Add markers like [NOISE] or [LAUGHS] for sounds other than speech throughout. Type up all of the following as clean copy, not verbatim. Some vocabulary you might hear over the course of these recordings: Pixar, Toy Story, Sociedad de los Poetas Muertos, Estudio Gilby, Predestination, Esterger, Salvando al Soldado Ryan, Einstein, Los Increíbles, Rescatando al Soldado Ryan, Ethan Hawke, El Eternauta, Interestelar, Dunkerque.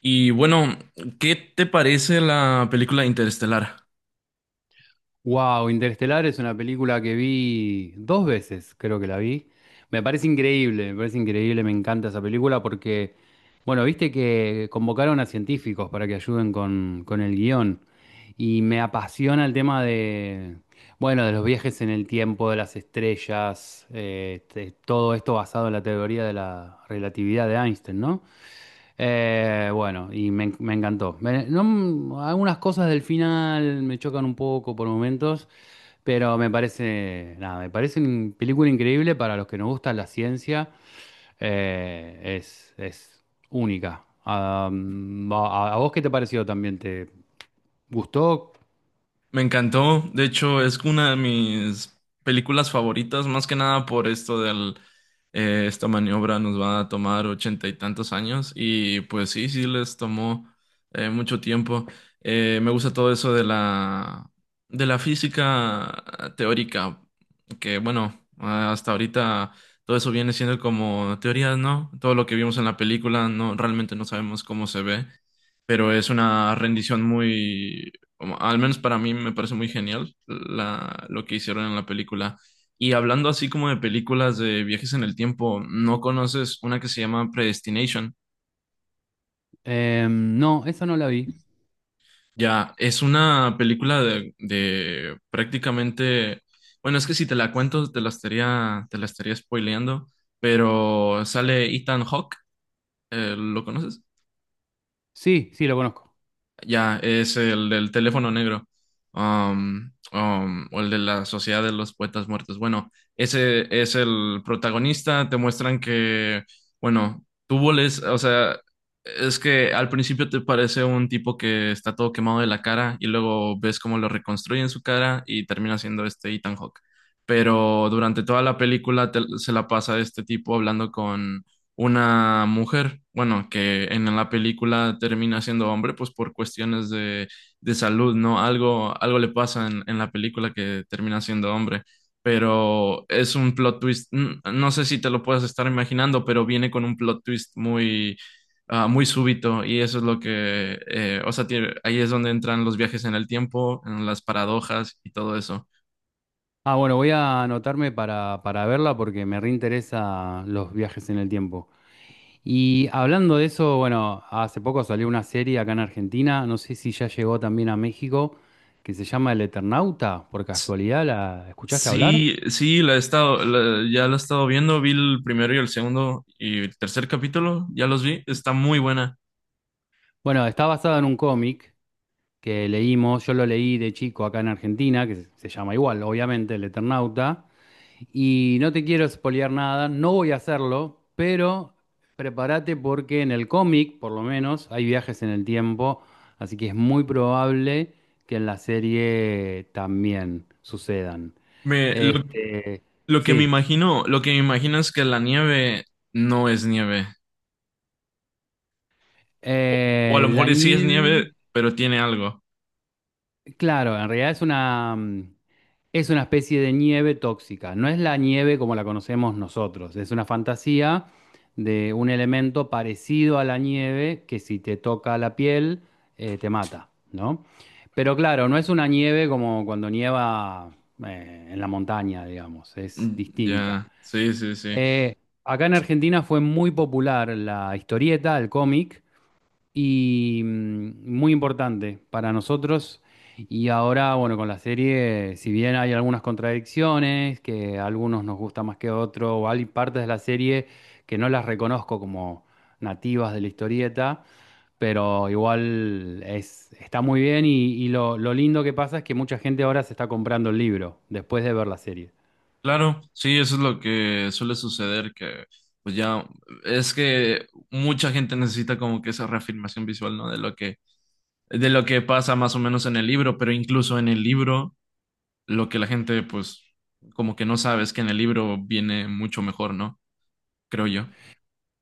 Y bueno, ¿qué te parece la película Interestelar? Wow, Interestelar es una película que vi dos veces, creo que la vi. Me parece increíble, me parece increíble, me encanta esa película porque, bueno, viste que convocaron a científicos para que ayuden con el guión. Y me apasiona el tema de, bueno, de los viajes en el tiempo, de las estrellas, todo esto basado en la teoría de la relatividad de Einstein, ¿no? Bueno, y me encantó. Algunas cosas del final me chocan un poco por momentos, pero me parece, nada, me parece una película increíble para los que nos gusta la ciencia. Es única. A vos qué te pareció también? ¿Te gustó? Me encantó, de hecho es una de mis películas favoritas, más que nada por esto esta maniobra nos va a tomar ochenta y tantos años, y pues sí, sí les tomó mucho tiempo. Me gusta todo eso de la física teórica, que bueno, hasta ahorita todo eso viene siendo como teorías, ¿no? Todo lo que vimos en la película, no, realmente no sabemos cómo se ve, pero es una rendición muy al menos para mí me parece muy genial lo que hicieron en la película. Y hablando así como de películas de viajes en el tiempo, ¿no conoces una que se llama Predestination? No, esa no la vi. Ya, es una película de prácticamente, bueno, es que si te la cuento te la estaría spoileando, pero sale Ethan Hawke. ¿Lo conoces? Sí, sí, lo conozco. Ya, es el del teléfono negro. O el de la Sociedad de los Poetas Muertos. Bueno, ese es el protagonista. Te muestran que, bueno, tú voles, o sea, es que al principio te parece un tipo que está todo quemado de la cara y luego ves cómo lo reconstruyen su cara y termina siendo este Ethan Hawke. Pero durante toda la película se la pasa este tipo hablando con una mujer, bueno, que en la película termina siendo hombre, pues por cuestiones de salud, ¿no? Algo le pasa en la película, que termina siendo hombre, pero es un plot twist. No sé si te lo puedes estar imaginando, pero viene con un plot twist muy, muy súbito, y eso es lo que, o sea, ahí es donde entran los viajes en el tiempo, en las paradojas y todo eso. Ah, bueno, voy a anotarme para verla porque me reinteresa los viajes en el tiempo. Y hablando de eso, bueno, hace poco salió una serie acá en Argentina, no sé si ya llegó también a México, que se llama El Eternauta. Por casualidad, ¿la escuchaste hablar? Sí, sí, la he estado, ya la he estado viendo, vi el primero y el segundo y el tercer capítulo, ya los vi, está muy buena. Bueno, está basada en un cómic que leímos, yo lo leí de chico acá en Argentina, que se llama igual, obviamente, El Eternauta. Y no te quiero espolear nada, no voy a hacerlo, pero prepárate porque en el cómic, por lo menos, hay viajes en el tiempo, así que es muy probable que en la serie también sucedan. Me, lo, Este, lo que me sí. imagino, lo que me imagino es que la nieve no es nieve, o, o a lo La mejor sí es nieve, nieve, pero tiene algo. claro, en realidad es una, es una especie de nieve tóxica, no es la nieve como la conocemos nosotros, es una fantasía de un elemento parecido a la nieve que si te toca la piel te mata, ¿no? Pero claro, no es una nieve como cuando nieva en la montaña, digamos, es Mm. distinta. Ya. Sí, sí, sí. Eh, Acá en Argentina fue muy popular la historieta, el cómic, y muy importante para nosotros. Y ahora, bueno, con la serie, si bien hay algunas contradicciones, que a algunos nos gusta más que otros, o hay partes de la serie que no las reconozco como nativas de la historieta, pero igual es, está muy bien y lo lindo que pasa es que mucha gente ahora se está comprando el libro después de ver la serie. Claro, sí, eso es lo que suele suceder, que pues ya es que mucha gente necesita como que esa reafirmación visual, ¿no? De lo que pasa más o menos en el libro, pero incluso en el libro lo que la gente, pues, como que no sabe, es que en el libro viene mucho mejor, ¿no? Creo yo.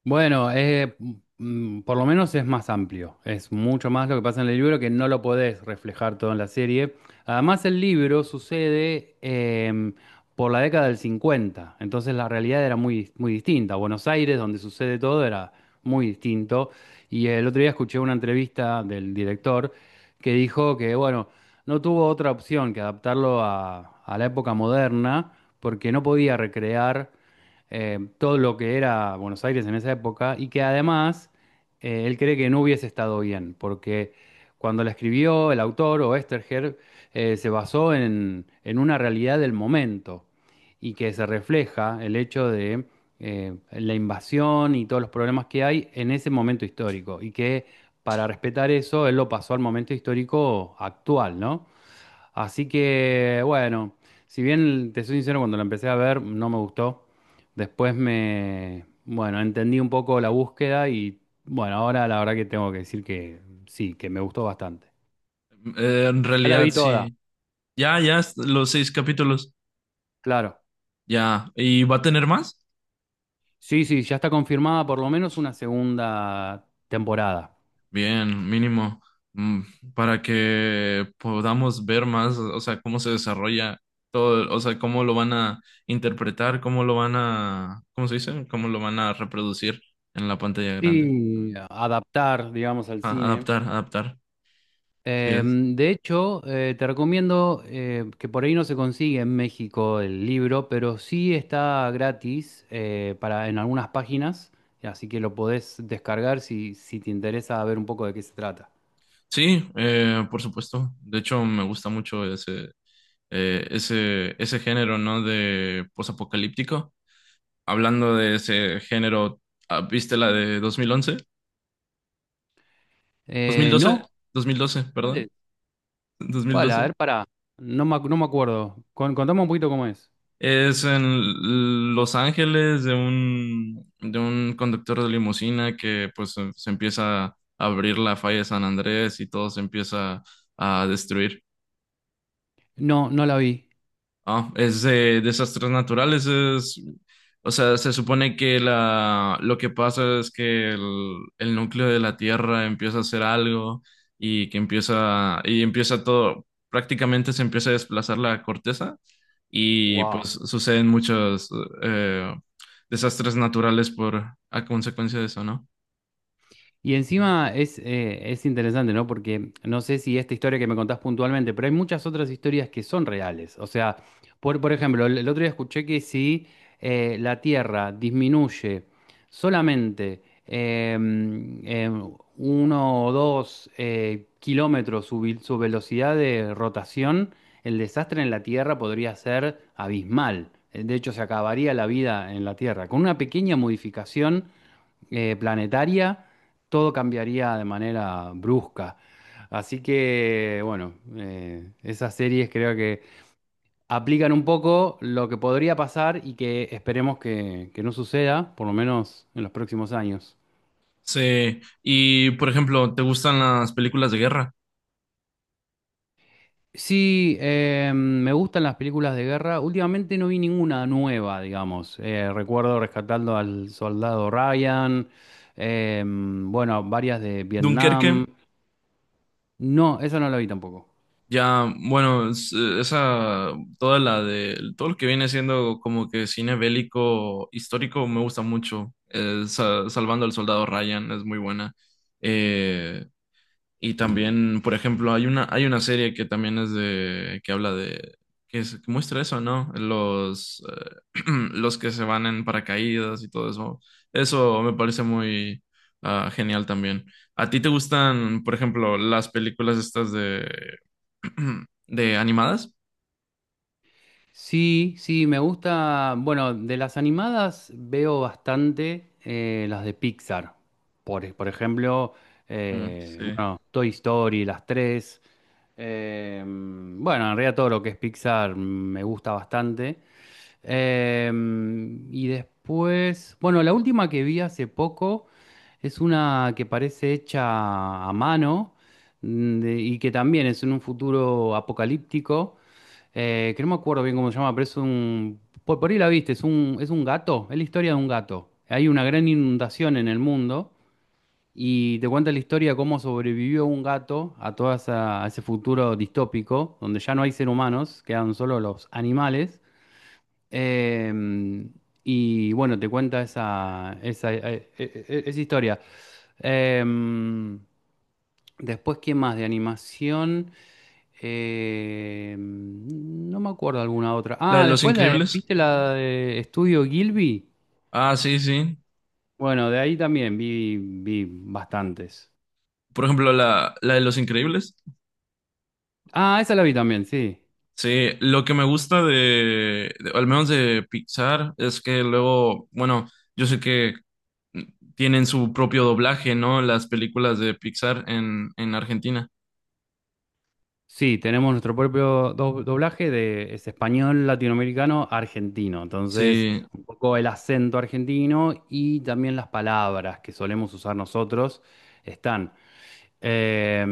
Bueno, por lo menos es más amplio, es mucho más lo que pasa en el libro que no lo podés reflejar todo en la serie. Además, el libro sucede por la década del 50, entonces la realidad era muy, muy distinta. Buenos Aires, donde sucede todo, era muy distinto. Y el otro día escuché una entrevista del director que dijo que, bueno, no tuvo otra opción que adaptarlo a la época moderna porque no podía recrear todo lo que era Buenos Aires en esa época y que además él cree que no hubiese estado bien, porque cuando la escribió el autor o Esterger se basó en una realidad del momento y que se refleja el hecho de la invasión y todos los problemas que hay en ese momento histórico y que para respetar eso él lo pasó al momento histórico actual, ¿no? Así que, bueno, si bien te soy sincero, cuando la empecé a ver no me gustó. Después bueno, entendí un poco la búsqueda y bueno, ahora la verdad que tengo que decir que sí, que me gustó bastante. En Ya la realidad vi toda, sí. Ya, ya, los seis capítulos. claro. Ya. ¿Y va a tener más? Sí, sí, ya está confirmada por lo menos una segunda temporada. Bien, mínimo, mm, para que podamos ver más, o sea, cómo se desarrolla todo, o sea, cómo lo van a interpretar, cómo lo van a, ¿cómo se dice? Cómo lo van a reproducir en la pantalla grande. Sí, adaptar, digamos, al Ah, cine. adaptar, adaptar. Sí, es. De hecho, te recomiendo que por ahí no se consigue en México el libro, pero sí está gratis en algunas páginas, así que lo podés descargar si te interesa ver un poco de qué se trata. Sí, por supuesto. De hecho, me gusta mucho ese género, ¿no? De posapocalíptico. Hablando de ese género, ¿viste la de dos mil once, dos mil doce ¿No? dos mil doce ¿Cuál perdón, es? dos mil ¿Cuál? A doce ver, pará. No me acuerdo. Contame un poquito cómo es. Es en Los Ángeles, de un, conductor de limusina que pues se empieza a abrir la falla de San Andrés y todo se empieza a destruir. No, no la vi. Ah, es de desastres naturales, es, o sea, se supone que lo que pasa es que el núcleo de la Tierra empieza a hacer algo, y que empieza todo, prácticamente se empieza a desplazar la corteza, y pues Wow. suceden muchos, eh, desastres naturales, a consecuencia de eso, ¿no? Y encima es interesante, ¿no? Porque no sé si esta historia que me contás puntualmente, pero hay muchas otras historias que son reales. O sea, por ejemplo, el otro día escuché que si la Tierra disminuye solamente eh, eh, 1 o 2 kilómetros su velocidad de rotación, el desastre en la Tierra podría ser abismal. De hecho, se acabaría la vida en la Tierra. Con una pequeña modificación planetaria, todo cambiaría de manera brusca. Así que, bueno, esas series creo que aplican un poco lo que podría pasar y que esperemos que no suceda, por lo menos en los próximos años. Sí, y por ejemplo, ¿te gustan las películas de guerra? Sí, me gustan las películas de guerra. Últimamente no vi ninguna nueva, digamos. Recuerdo Rescatando al Soldado Ryan, bueno, varias de Dunkerque. Vietnam. No, eso no lo vi tampoco. Ya, bueno, es- esa, toda la de, todo lo que viene siendo como que cine bélico histórico me gusta mucho. Salvando al Soldado Ryan es muy buena. Eh, y también, por ejemplo, hay una serie que también es de, que habla de, que, que muestra eso, ¿no? [CLEARS THROAT] Los que se van en paracaídas y todo eso. Eso me parece muy, genial también. ¿A ti te gustan, por ejemplo, las películas estas de [CLEARS THROAT] de animadas? Sí, sí, me gusta. Bueno, de las animadas veo bastante las de Pixar. Por ejemplo, Mm, sí. bueno, Toy Story, las tres. Bueno, en realidad todo lo que es Pixar me gusta bastante. Eh, y después, bueno, la última que vi hace poco es una que parece hecha a mano y que también es en un futuro apocalíptico que no me acuerdo bien cómo se llama, pero es un... Por ahí la viste, es un, gato, es la historia de un gato. Hay una gran inundación en el mundo y te cuenta la historia de cómo sobrevivió un gato a a ese futuro distópico, donde ya no hay seres humanos, quedan solo los animales. Em, y bueno, te cuenta esa historia. Em, Después, ¿qué más de animación? No me acuerdo alguna otra. La de Ah, Los después Increíbles. ¿viste la de Estudio Gilby? Ah, sí, sí. Bueno, de ahí también vi bastantes. Por ejemplo, la de Los Increíbles. Ah, esa la vi también, sí. Sí, lo que me gusta al menos de Pixar, es que luego, bueno, yo sé que, mm, tienen su propio doblaje, ¿no? Las películas de Pixar en, Argentina. Sí, tenemos nuestro propio doblaje de es español latinoamericano argentino. Entonces, Sí. un poco el acento argentino y también las palabras que solemos usar nosotros están. Eh,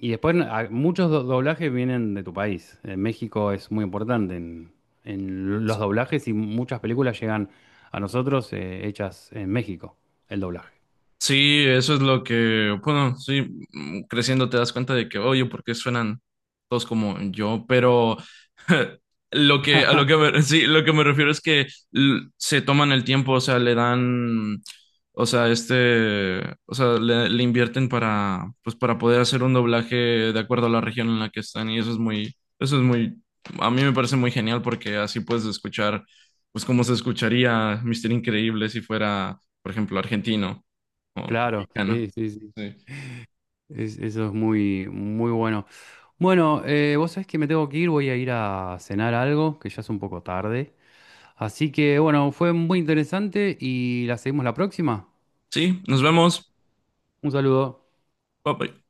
y después muchos doblajes vienen de tu país. México es muy importante en los doblajes y muchas películas llegan a nosotros hechas en México, el doblaje. Sí, eso es lo que, bueno, sí, creciendo te das cuenta de que, oye, ¿por qué suenan todos como yo? Pero [LAUGHS] lo que, a lo que [LAUGHS] me, [LAUGHS] sí, lo que me refiero es que se toman el tiempo, o sea, le dan, o sea, este, o sea, le invierten para, pues, para poder hacer un doblaje de acuerdo a la región en la que están, y eso es muy, a mí me parece muy genial, porque así puedes escuchar, pues, cómo se escucharía Mister Increíble si fuera, por ejemplo, argentino como Claro, mexicano. sí, sí, sí. Sí. Eso es muy, muy bueno. Bueno, vos sabés que me tengo que ir, voy a ir a cenar algo, que ya es un poco tarde. Así que bueno, fue muy interesante y la seguimos la próxima. Sí, nos vemos. Un saludo. Bye bye.